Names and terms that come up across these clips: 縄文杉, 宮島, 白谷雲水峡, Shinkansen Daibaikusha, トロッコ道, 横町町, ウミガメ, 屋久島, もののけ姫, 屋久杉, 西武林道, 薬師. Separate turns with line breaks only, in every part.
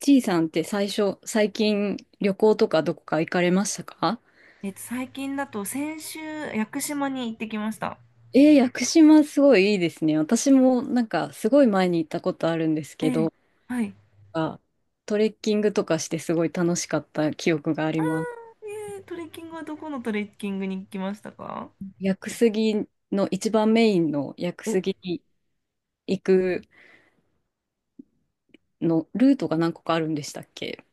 ちいさんって最近旅行とかどこか行かれましたか？
最近だと先週、屋久島に行ってきました。
屋久島すごいいいですね。私もなんかすごい前に行ったことあるんです
え
け
え、
ど、
はい。
あトレッキングとかしてすごい楽しかった記憶があり
ああ、
ます。
ええ、トレッキングはどこのトレッキングに行きましたか？
屋久杉の一番メインの屋久
お、
杉に行くのルートが何個かあるんでしたっけ？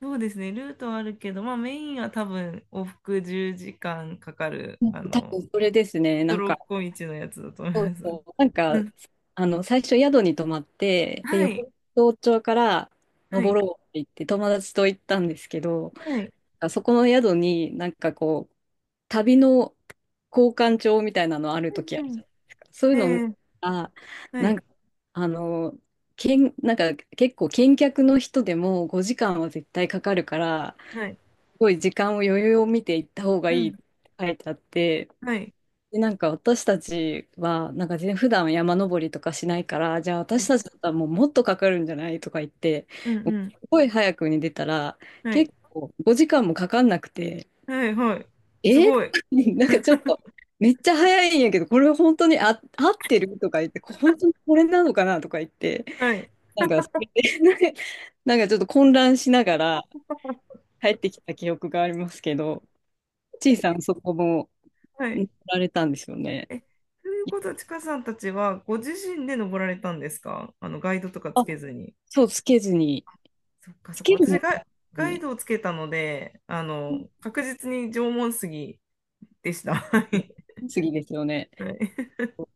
そうですね、ルートはあるけど、まあメインは多分往復10時間かんかかる、
うん、多分それですね。
ト
なん
ロ
か
ッコ道のやつだと思い
そう
ます。
そう、なん
う
か、
ん。
最初宿に泊まって、で、
はい、
横町町から
はい、
登ろうって言って友達と行ったんですけど、
はい。
そこの宿になんかこう、旅の交換帳みたいなのある時あ
う
る
んう
じゃ
ん。
ないですか。そういう
え
のを見た
え、
ら、
は
なん
い、
か、あの、結構見客の人でも5時間は絶対かかるから、
はい、
すごい時間を余裕を見て行った方が
う
いい
ん、
って書いてあって、
はい、
で、なんか私たちは、なんか普段山登りとかしないから、じゃあ
は
私
い、
たちだったらもうもっとかかるんじゃないとか言って、
うん
もう
うん、
すごい早くに出たら、
はい、
結構5時間もかかんなくて、
はい、はい。
え
すご
ー
い。
なんかちょっと、めっちゃ早いんやけど、これ本当に合ってるとか言って、本当にこれなのかなとか言って、
はい。
なんかそれで、なんかちょっと混乱しながら帰ってきた記憶がありますけど、ちいさんそこも
は
乗
い。
られたんですよね。
え、ということは、ちかさんたちはご自身で登られたんですか？あの、ガイドとかつ
あ、
けずに。
そう、つけずに。
そっか
つ
そっか。
ける
私
も
ガイ、
ん
ガイ
ね。
ドをつけたので、確実に縄文杉でした。はい。
次ですよね。
はい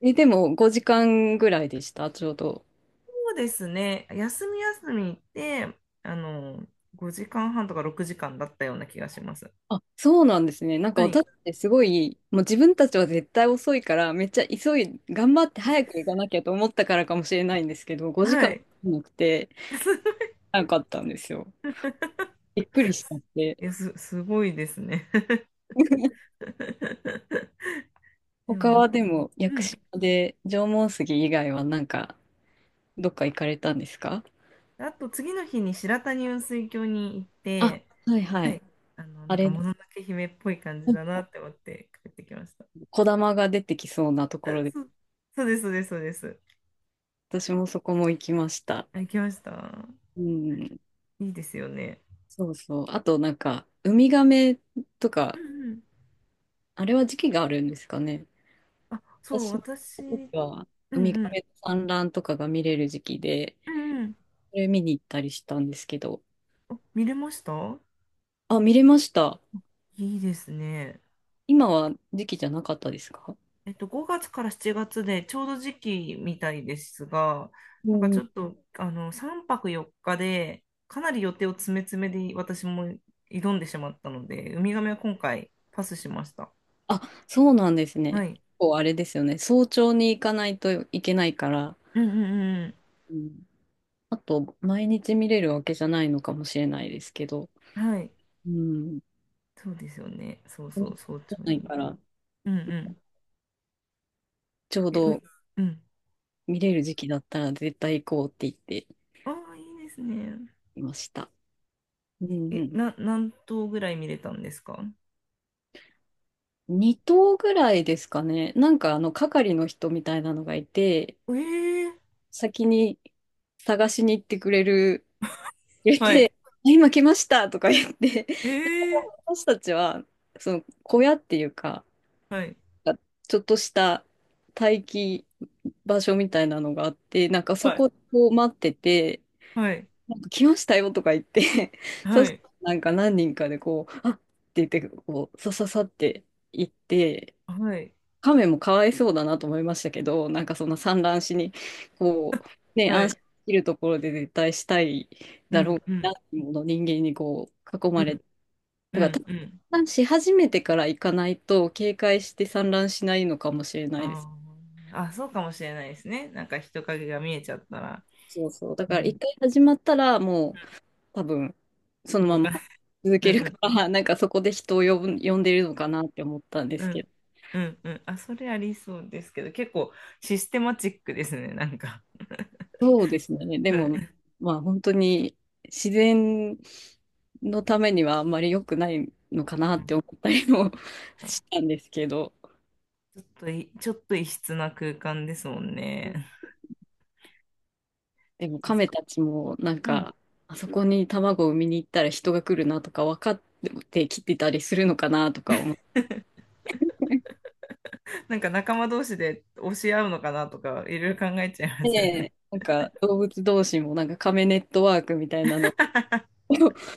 え、でも5時間ぐらいでした、ちょうど。
そうですね。休み休み行って、あの、5時間半とか6時間だったような気がします。
あ、そうなんですね。なんか
は
私
い。
ってすごい、もう自分たちは絶対遅いから、めっちゃ急い、頑張って早く行かなきゃと思ったからかもしれないんですけど、5
は
時間
い。
なくて、なかったんですよ。びっくりしちゃっ
い
て。
や、す、すごいですね。で
他
も、
はでも、屋
う
久
ん。
島で縄文杉以外はなんか、どっか行かれたんですか？
あと次の日に白谷雲水峡に行っ
あ、
て、
はいは
は
い。
い、
あ
なんか
れ、
もののけ姫っぽい感じだなって思って帰ってきました。
小玉が出てきそうなと
あ、
ころで。
そう、そうです、そうです、そうです。
私もそこも行きました。
あ、行きました。
うん。
いいですよね。
そうそう。あとなんか、ウミガメと
う
か、
んうん。
あれは時期があるんですかね。
あ、そう、
私の
私、う
時
ん
は、
う
ウミガメ
ん。
の産卵とかが見れる時期で、
うんうん。
それ見に行ったりしたんですけど。
お、見れました？
あ、見れました。
いいですね。
今は時期じゃなかったですか？
5月から7月でちょうど時期みたいですが、
う
なんか
んう
ちょっ
ん。
と、3泊4日で、かなり予定を詰め詰めで私も挑んでしまったので、ウミガメは今回パスしました。
あ、そうなんです
は
ね。
い。
こうあれですよね。早朝に行かないといけないから、
うんうんうん
うん、あと、毎日見れるわけじゃないのかもしれないですけど。
うん。はい。
うん。
そうですよね。そうそう、早朝
ない
に。
から。
うんうん。
ちょう
え、う、
ど
うん。
見れる時期だったら絶対行こうって言って
ああ、いいですね。
いました。うん
え、
う
な、何頭ぐらい見れたんですか？
ん。2頭ぐらいですかね。なんかあの係の人みたいなのがいて、
ええ、
先に探しに行ってくれる、入れ
はい。
て、今来ましたとか言って、
ええ、
私たちはその小屋っていうか、
はい。
ちょっとした待機場所みたいなのがあって、なんかそ
はい。
こを待ってて、
はい。
なんか来ましたよとか言って そ
は
した
い。
らなんか何人かでこう、あっって言って、こう、さささって行って、
はい。
亀もかわいそうだなと思いましたけど、なんかそんな産卵しに、こう、ね、
は
安心
い。
できるところで絶対したい
う
だろ
ん、
う
う
な
ん、
っていうもの人間にこう、囲
う
まれ
ん、
て、
う
だか
ん、
ら、
うん。
産卵し始めてから行かないと、警戒して産卵しないのかもしれないです。
あーあ、そうかもしれないですね。なんか人影が見えちゃったら、
そうそう。だ
う
から
ん、
一回始まったら、もう、多分、そ
うん、
の
動
ま
かない。
ま続
う
け
ん、
る
う
か
ん、
ら、なんかそこで人を呼んでるのかなって思ったんで
う
すけ
ん、
ど。
うん、うん。あ、それありそうですけど、結構システマチックですね、なんか。
そうですね。で
は
も、
い。
まあ本当に自然のためにはあんまり良くないのかな
う
っ
ん、
て思ったりも したんですけど。
ちょっとい、ちょっと異質な空間ですもんね。
でも亀たちもなん
うん。
か、あそこに卵を産みに行ったら人が来るなとか分かってきてたりするのかなとか思っ
なんか仲間同士で教え合うのかなとか、いろいろ考えちゃいますよね。
て、なんか動物同士もなんか亀ネットワークみたいなの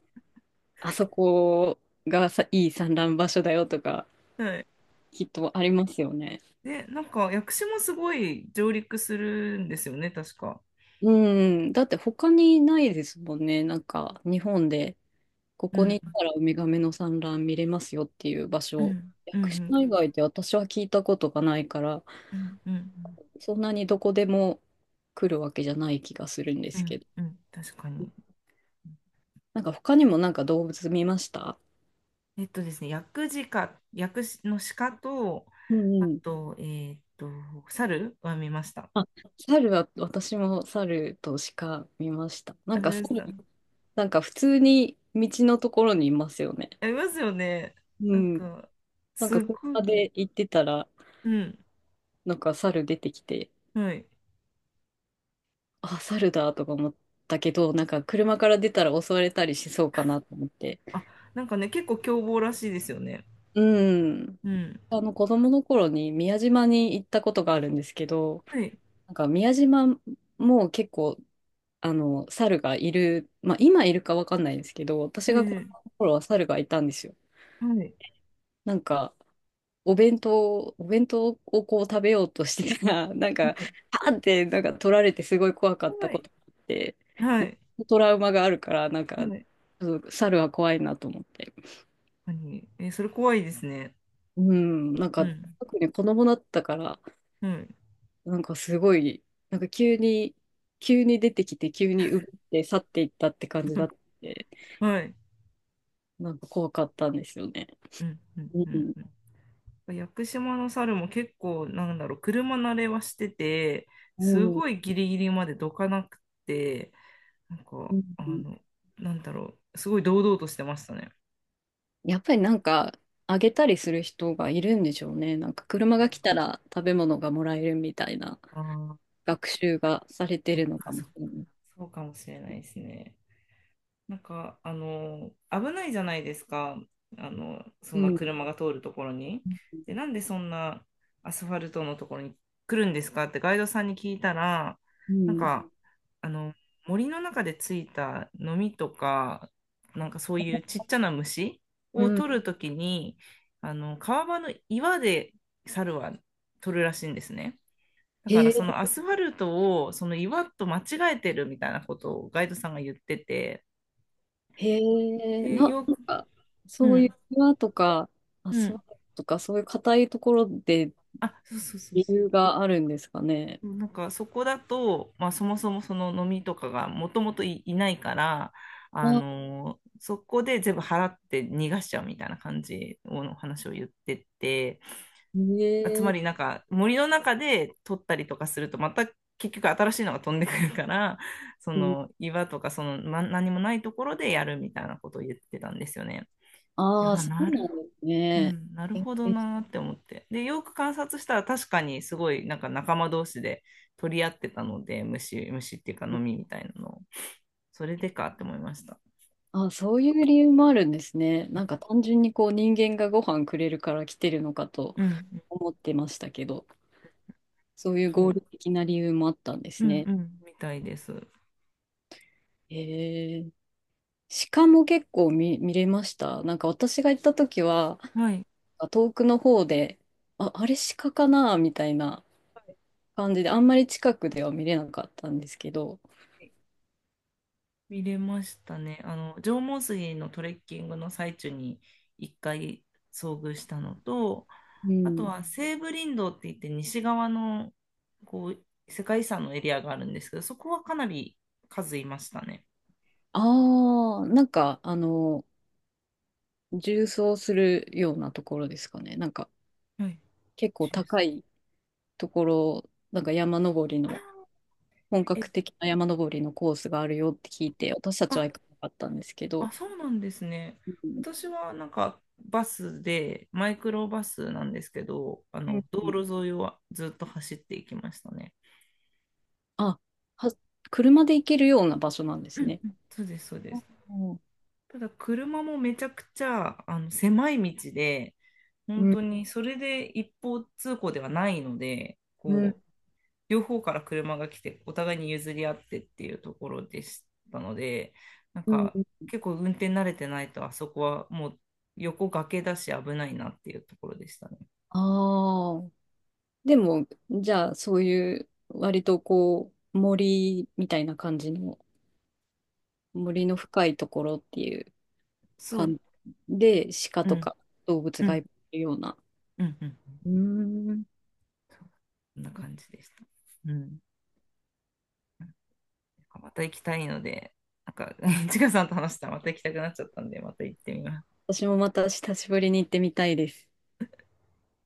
あそこがさ、いい産卵場所だよとか、
はい。
きっとありますよね。
で、なんか、薬師もすごい上陸するんですよね、確か。
うん、だって他にないですもんね。なんか、日本で、こ
う
こ
ん、
に行ったらウミガメの産卵見れますよっていう場
う
所。
ん、
屋
う
久
ん、
島以外で私は聞いたことがないから、
うん、うん、
そんなにどこでも来るわけじゃない気がするんで
う
す
ん、
けど。
うん、確かに。
なんか他にもなんか動物見ました？
えっとですね、薬事か、薬師の鹿と、
うん
あ
うん。
と、猿は見ました。
あ、猿は、私も猿と鹿見ました。な
あ、
ん
見
か
まし
猿
た。あ
なんか普通に道のところにいますよね。
りますよね。
う
なん
ん。
か、
なん
すっ
か車
ごい、
で行ってたら、
うん、
なんか猿出てきて、
はい。
あ、猿だとか思ったけど、なんか車から出たら襲われたりしそうかなと思って。
あ、なんかね、結構凶暴らしいですよね。
うん。
うん。
あの子供の頃に宮島に行ったことがあるんですけど、
はい。
なんか宮島も結構、猿がいる、まあ今いるかわかんないですけど、私が子
え
供
え、
の頃は猿がいたんですよ。
はい。
なんか、お弁当をこう食べようとしてたら、なん
は
か、
い。
パーンってなんか取られてすごい怖かった
は
こ
い。
とがあって、
は
なんか
い。
トラウマがあるから、なん
は
か、
い、
ちょっと猿は怖いなと思って。
確かに。えー、それ怖いですね。
うん、なん
う
か、
ん。
特に子供だったから、
はい。
なんかすごい、なんか急に出てきて、急に奪って去っていったって感じだって、
はい。
なんか怖かったんですよね。
うん。うん。
うん。
うん、屋久島の猿も結構、なんだろう、車慣れはしてて、
う
す
ん。
ごいギリギリまでどかなくて、なん
う
か、
ん。
なんだろう、すごい堂々としてましたね。
やっぱりなんか、あげたりする人がいるんでしょうね。なんか車が来たら食べ物がもらえるみたいな
ああ、
学習がされて
そっ
るの
か
かも
そっ
しれ
か、
ない。
そうかもしれないですね。なんか、危ないじゃないですか。あの、そ
う
んな
ん。
車が通るところに。で、なんでそんなアスファルトのところに来るんですかってガイドさんに聞いたら、
う
なん
ん。
か、あの、森の中でついたノミとか、なんかそういうちっちゃな虫
う
を
ん。
取るときに、川場の岩で猿は取るらしいんですね。だか
へ
ら
え、
そのアスファルトをその岩と間違えてるみたいなことをガイドさんが言ってて、
へえ、
で、よ
なん
く、
か、
う
そういう
ん。
庭とか、あ、
う
そう
ん。
とか、そういう硬いところで
あ、そうそうそう
理
そ
由があるんですかね。
う。なんかそこだと、まあ、そもそもその飲みとかがもともとい、いないから、
あ、
そこで全部払って逃がしちゃうみたいな感じの話を言ってて、
へ
あ、つまりな
え、
んか森の中で取ったりとかするとまた結局新しいのが飛んでくるから、その岩とかその、ま、何もないところでやるみたいなことを言ってたんですよね。で、
ああー、
あ、
そ
な
うな
る
んです
う
ね。
ん、なる
え、
ほど
え
なーって思って。で、よく観察したら確かにすごいなんか仲間同士で取り合ってたので、虫、虫っていうか飲みみたいなのを、それでかって思いました。
あ、そういう理由もあるんですね。なんか単純にこう人間がご飯くれるから来てるのかと
うん、
思ってましたけど、そういう
そ
合
う、
理的な理由もあったんで
う
す
ん
ね。
うん、みたいです。
へえ。鹿も結構見れました。なんか私が行った時は、
はい、
遠くの方で、あ、あれ鹿かなみたいな感じで、あんまり近くでは見れなかったんですけど、
見れましたね。縄文杉のトレッキングの最中に一回遭遇したのと、
う
あと
ん。
は西武林道って言って西側のこう世界遺産のエリアがあるんですけど、そこはかなり数いましたね。
ああ、なんか縦走するようなところですかね。なんか
はい、
結
じ
構
ゅうさ
高いところ、なんか山登り
ん、
の、
あ
本
ー、
格
え、
的な山登りのコースがあるよって聞いて、私たちは
あ、
行かなかったんですけど、
あ、そうなんですね。
うん
私はなんかバスで、マイクロバスなんですけど、あ
うん
の道
うん、
路沿いをずっと走っていきましたね。
あ、は、車で行けるような場所なんで
う
す
ん
ね。
うん、そうです、そうです。
うん
ただ車もめちゃくちゃあの狭い道で、本
うん
当にそれで一方通行ではないので、
うん
こ、両方から車が来て、お互いに譲り合ってっていうところでしたので、なん
うん、
か結構運転慣れてないと、あそこはもう横崖だし危ないなっていうところでしたね。
ああ、でも、じゃあ、そういう、割とこう、森みたいな感じの、森の深いところっていう
そう、
感じで、鹿
う
と
ん、
か動物
う
が
ん、
いるような。
うん、うん。
うーん、
そうこんな感じでした。うん。また行きたいので、なんか、ちかさんと話したらまた行きたくなっちゃったんで、また行ってみます。
私もまた久しぶりに行ってみたいです。